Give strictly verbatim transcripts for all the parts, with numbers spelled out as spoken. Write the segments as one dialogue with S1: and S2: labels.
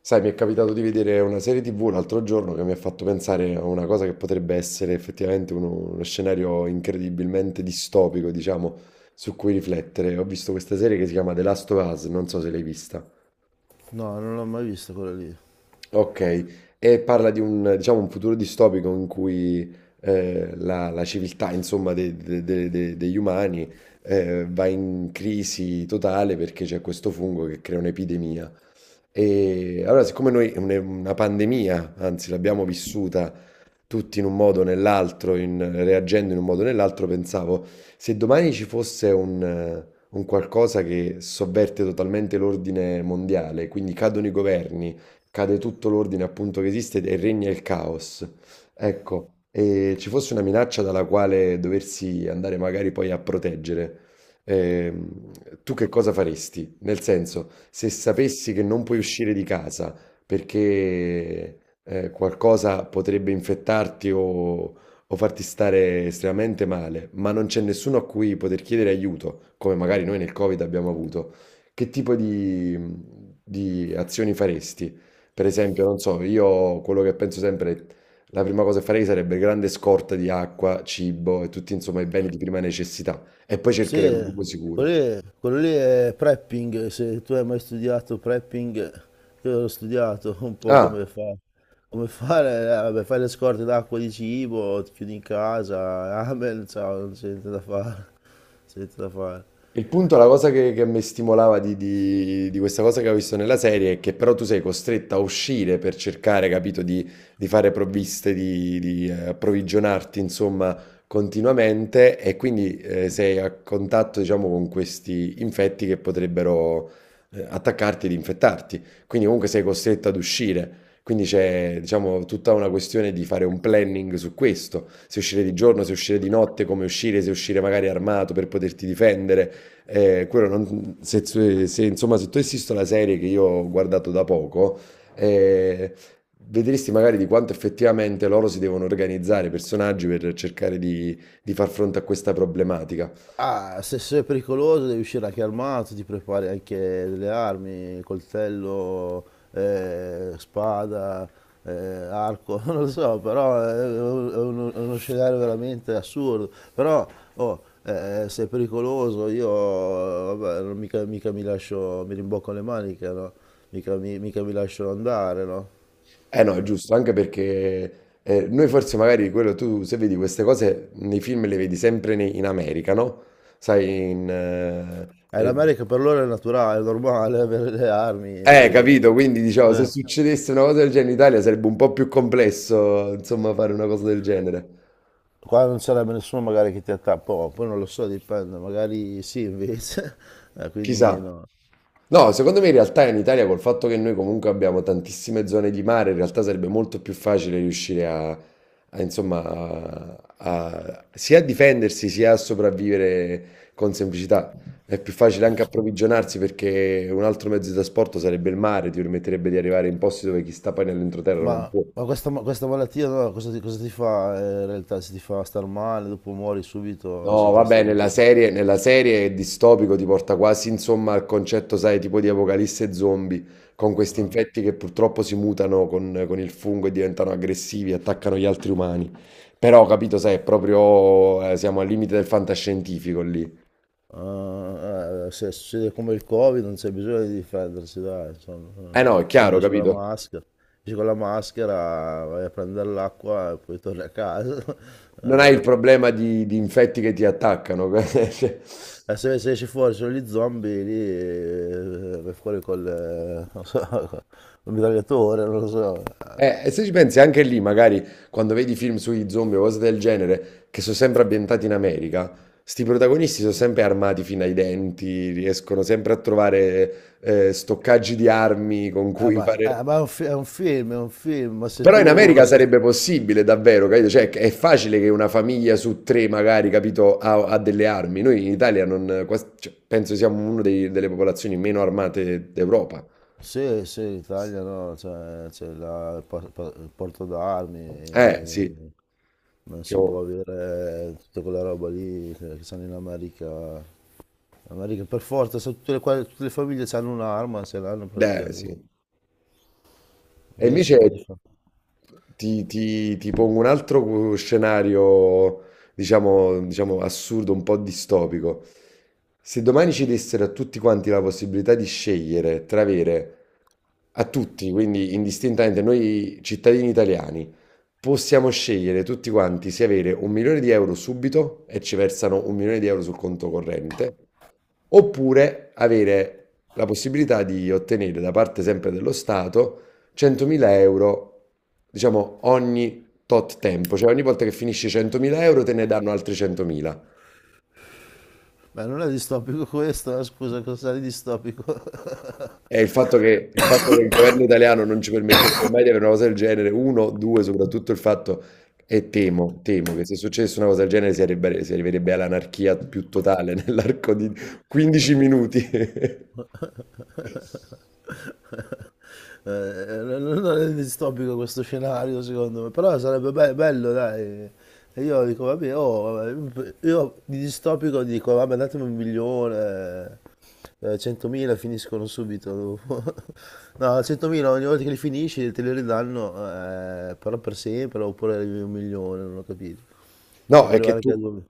S1: Sai, mi è capitato di vedere una serie ti vu l'altro giorno che mi ha fatto pensare a una cosa che potrebbe essere effettivamente uno, uno scenario incredibilmente distopico, diciamo, su cui riflettere. Ho visto questa serie che si chiama The Last of Us, non so se l'hai vista.
S2: No, non l'ho mai vista quella lì.
S1: Ok, e parla di un, diciamo, un futuro distopico in cui eh, la, la civiltà, insomma, de- de- de- de- degli umani eh, va in crisi totale perché c'è questo fungo che crea un'epidemia. E allora, siccome noi è un- è una pandemia, anzi l'abbiamo vissuta tutti in un modo o nell'altro, in- reagendo in un modo o nell'altro, pensavo, se domani ci fosse un, eh, un qualcosa che sovverte totalmente l'ordine mondiale, quindi cadono i governi, cade tutto l'ordine appunto che esiste e regna il caos, ecco, e ci fosse una minaccia dalla quale doversi andare magari poi a proteggere. Ehm, Tu che cosa faresti? Nel senso, se sapessi che non puoi uscire di casa perché eh, qualcosa potrebbe infettarti o, o farti stare estremamente male, ma non c'è nessuno a cui poter chiedere aiuto, come magari noi nel Covid abbiamo avuto, che tipo di, di azioni faresti? Per esempio, non so, io quello che penso sempre, la prima cosa che farei sarebbe grande scorta di acqua, cibo e tutti insomma i beni di prima necessità. E poi
S2: Sì,
S1: cercherei un luogo sicuro.
S2: quello lì, quello lì è prepping, se tu hai mai studiato prepping, io l'ho studiato un
S1: Quindi,
S2: po'
S1: ah.
S2: come fa. Come fare, eh, vabbè, fai le scorte d'acqua e di cibo, ti chiudi in casa, amen, ciao, non c'è niente da fare, c'è niente da fare.
S1: Il punto, la cosa che, che mi stimolava di, di- di questa cosa che ho visto nella serie è che però tu sei costretta a uscire per cercare, capito, di, di fare provviste, di, di, eh, approvvigionarti, insomma, continuamente e quindi eh, sei a contatto, diciamo, con questi infetti che potrebbero eh, attaccarti ed infettarti. Quindi comunque sei costretta ad uscire. Quindi c'è, diciamo, tutta una questione di fare un planning su questo, se uscire di giorno, se uscire di notte, come uscire, se uscire magari armato per poterti difendere. Eh, quello non- se, se- se, insomma, se tu assisti alla serie che io ho guardato da poco, eh, vedresti magari di quanto effettivamente loro si devono organizzare i personaggi per cercare di, di far fronte a questa problematica.
S2: Ah, se sei pericoloso devi uscire anche armato, ti prepari anche delle armi, coltello, eh, spada, eh, arco, non lo so, però è è uno, è uno scenario veramente assurdo. Però, oh, eh, se è pericoloso io, vabbè, non mica, mica mi lascio, mi rimbocco le maniche, no? Mica mi, mica mi lascio andare, no?
S1: Eh no, è giusto, anche perché eh, noi forse magari quello tu, se vedi queste cose nei film le vedi sempre nei- in America, no? Sai, in... eh,
S2: Eh,
S1: eh,
S2: l'America per loro è naturale, è normale avere le armi
S1: eh,
S2: così,
S1: capito,
S2: no?
S1: quindi diciamo, se
S2: Eh.
S1: succedesse una cosa del genere in Italia sarebbe un po' più complesso, insomma, fare una cosa del genere.
S2: Qua non sarebbe nessuno magari che ti attacca, oh, poi non lo so, dipende, magari sì invece, Eh, quindi
S1: Chissà.
S2: no.
S1: No, secondo me in realtà in Italia col fatto che noi comunque abbiamo tantissime zone di mare, in realtà sarebbe molto più facile riuscire a, a, insomma, a- a- sia a difendersi sia a sopravvivere con semplicità. È più facile anche approvvigionarsi perché un altro mezzo di trasporto sarebbe il mare, ti permetterebbe di arrivare in posti dove chi sta poi nell'entroterra non
S2: Ma,
S1: può.
S2: ma questa, ma questa malattia no, cosa ti, cosa ti fa eh, in realtà? Se ti fa star male, dopo muori subito,
S1: No,
S2: se ti... se
S1: vabbè, nella
S2: ti-
S1: serie, nella serie è distopico ti porta quasi insomma al concetto, sai, tipo di apocalisse zombie, con questi infetti che purtroppo si mutano con, con il fungo e diventano aggressivi, attaccano gli altri umani. Però, capito, sai, è proprio, eh, siamo al limite del fantascientifico lì.
S2: Ah, eh, se succede come il Covid non c'è bisogno di difendersi, dai, insomma.
S1: Eh
S2: Eh,
S1: no, è
S2: Eh,
S1: chiaro,
S2: Esci con la
S1: capito?
S2: maschera, esci con la maschera, vai a prendere l'acqua e poi torni a casa. Eh,
S1: Non
S2: non
S1: hai il
S2: so.
S1: problema di, di infetti che ti attaccano. Cioè,
S2: Eh, se, se esci fuori sono gli zombie, lì eh, vai fuori col, eh, non so, col mitragliatore, non lo so.
S1: eh, e se ci pensi anche lì, magari quando vedi film sui zombie o cose del genere, che sono sempre ambientati in America, sti protagonisti sono sempre armati fino ai denti, riescono sempre a trovare eh, stoccaggi di armi con
S2: Eh,
S1: cui
S2: ma,
S1: fare...
S2: eh, ma è un, fi- è un film, è un film, ma se
S1: Però in
S2: tu...
S1: America
S2: se-
S1: sarebbe possibile davvero, capito? Cioè, è facile che una famiglia su tre, magari, capito, ha, ha delle armi. Noi in Italia non, quasi- cioè, penso siamo una dei- delle popolazioni meno armate d'Europa.
S2: Sì, sì, in Italia no, cioè, c'è la- il, por- por- il porto d'armi,
S1: Eh,
S2: e
S1: sì,
S2: non si
S1: siamo...
S2: può avere tutta quella roba lì che che stanno in America. In America per forza, se tutte le, qua- tutte le famiglie hanno un'arma, se l'hanno
S1: Eh, sì.
S2: praticamente,
S1: E
S2: quindi si
S1: invece
S2: può difendere.
S1: ti, ti- ti pongo un altro cu- scenario, diciamo, diciamo assurdo, un po' distopico. Se domani ci dessero a tutti quanti la possibilità di scegliere tra avere a tutti, quindi indistintamente noi cittadini italiani, possiamo scegliere tutti quanti se avere un milione di euro subito e ci versano un milione di euro sul conto corrente, oppure avere la possibilità di ottenere da parte sempre dello Stato centomila euro, diciamo, ogni tot tempo, cioè ogni volta che finisci centomila euro te ne danno altri centomila.
S2: Ma non è distopico questo, eh, scusa, cos'è di distopico?
S1: E il fatto che, il fatto che il governo italiano non ci permetterebbe mai di avere una cosa del genere, uno, due, soprattutto il fatto, e temo, temo che se successe una cosa del genere si arriverebbe, si arriverebbe all'anarchia più totale nell'arco di quindici minuti.
S2: Eh, non non è distopico questo scenario secondo me, però sarebbe be- bello, dai. E io dico, vabbè, oh, vabbè, io di distopico dico, vabbè, datemi un milione, eh, centomila finiscono subito dopo. No, centomila ogni volta che li finisci te li ridanno, eh, però per sempre, oppure arrivi a un milione, non ho capito. Se
S1: No,
S2: può
S1: è che
S2: arrivare anche a
S1: tu...
S2: due.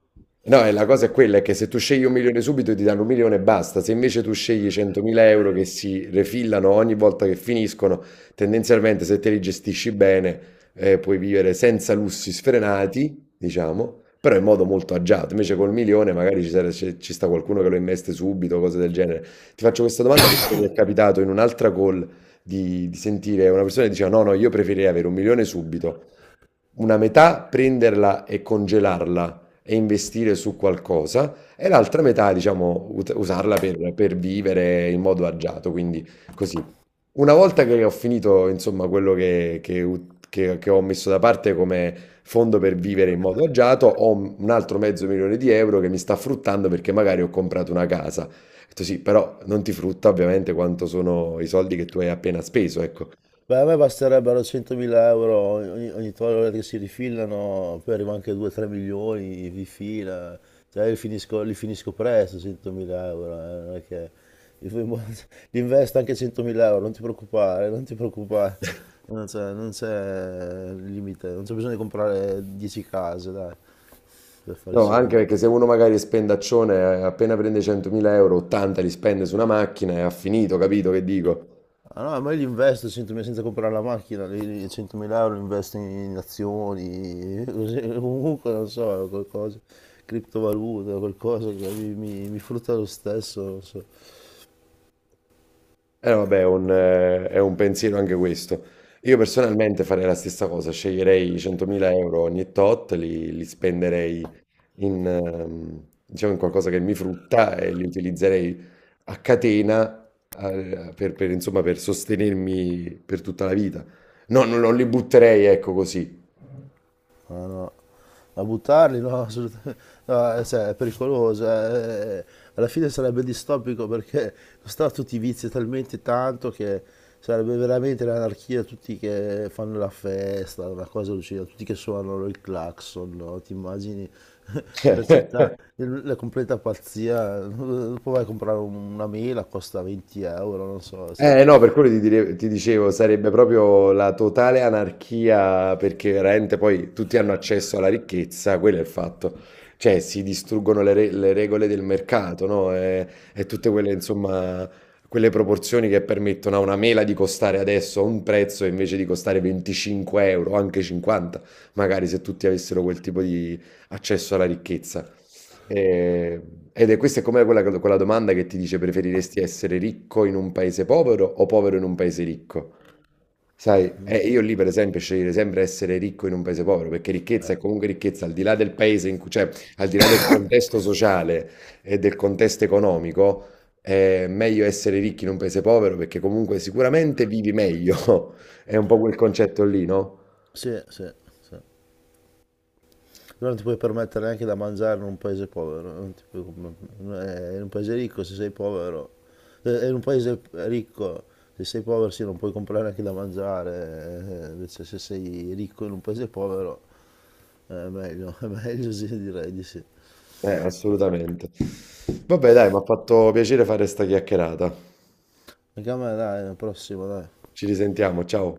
S1: No, è la cosa è quella, è che se tu scegli un milione subito ti danno un milione e basta. Se invece tu scegli centomila euro che si refillano ogni volta che finiscono, tendenzialmente se te li gestisci bene eh, puoi vivere senza lussi sfrenati, diciamo, però in modo molto agiato. Invece col milione magari ci, sare- ci- ci sta qualcuno che lo investe subito, cose del genere. Ti faccio questa domanda perché mi è capitato in un'altra call di, di sentire una persona che diceva no, no, io preferirei avere un milione subito una metà prenderla e congelarla e investire su qualcosa, e l'altra metà, diciamo, ut- usarla per, per vivere in modo agiato. Quindi così. Una volta che ho finito, insomma, quello che, che ut- che- che ho messo da parte come fondo per vivere in modo agiato, ho un altro mezzo milione di euro che mi sta fruttando perché magari ho comprato una casa. Ho detto sì, però non ti frutta ovviamente quanto sono i soldi che tu hai appena speso, ecco.
S2: Beh, a me basterebbero centomila euro ogni, ogni- ogni volta che si rifilano, poi arriva anche due tre milioni di fila, cioè li finisco, li finisco presto centomila euro, eh, non è che... Li fai mo- li investo anche centomila euro, non ti preoccupare, non ti preoccupare, non c'è non c'è limite, non c'è bisogno di comprare dieci case, dai, per fare i
S1: No, anche
S2: soldi.
S1: perché se uno magari è spendaccione, eh, appena prende centomila euro, ottanta li spende su una macchina e ha finito, capito che dico?
S2: Ah, no, ma io li investo centomila senza comprare la macchina, li, li- centomila euro li investo in azioni, così, comunque non so, qualcosa, criptovaluta, qualcosa che mi, mi, mi frutta lo stesso, non so.
S1: Eh vabbè, è un, eh, è un pensiero anche questo. Io personalmente farei la stessa cosa, sceglierei i centomila euro ogni tot, li, li spenderei in, ehm, diciamo, in qualcosa che mi frutta e li utilizzerei a catena, eh, per, per, insomma, per sostenermi per tutta la vita. No, non, non li butterei, ecco così.
S2: Ah, no, a buttarli? No, assolutamente. No, eh, cioè, è pericoloso. eh, eh, alla fine sarebbe distopico perché costava tutti i vizi talmente tanto che sarebbe veramente l'anarchia, tutti che fanno la festa, una cosa lucida, tutti che suonano il clacson, no? Ti immagini la città, il- la completa pazzia. Dopo vai a comprare un- una mela, costa venti euro, non so. se-
S1: Eh no, per quello ti, dire- ti dicevo, sarebbe proprio la totale anarchia perché veramente poi tutti hanno accesso alla ricchezza, quello è il fatto. Cioè si distruggono le, re- le regole del mercato, no? E, e tutte quelle, insomma, quelle proporzioni che permettono a una mela di costare adesso un prezzo invece di costare venticinque euro, anche cinquanta, magari se tutti avessero quel tipo di accesso alla ricchezza. Ehm, ed è questa è come quella, quella domanda che ti dice preferiresti essere ricco in un paese povero o povero in un paese ricco? Sai, eh, io lì per esempio sceglierei sempre essere ricco in un paese povero, perché ricchezza è comunque ricchezza, al di là del paese in cui, cioè, al di là del contesto sociale e del contesto economico, è meglio essere ricchi in un paese povero perché comunque sicuramente vivi meglio. È un po' quel concetto lì, no?
S2: Sì, sì, sì. Non ti puoi permettere neanche da mangiare in un paese povero, non ti puoi- eh, in un paese ricco se sei povero, eh, in un paese ricco se sei povero sì non puoi comprare neanche da mangiare, eh, invece se sei ricco in un paese povero eh, è meglio, è meglio sì direi di sì.
S1: Eh, assolutamente. Vabbè, dai, mi ha fatto piacere fare sta chiacchierata.
S2: Anche a me dai, la prossima dai.
S1: Ci risentiamo, ciao.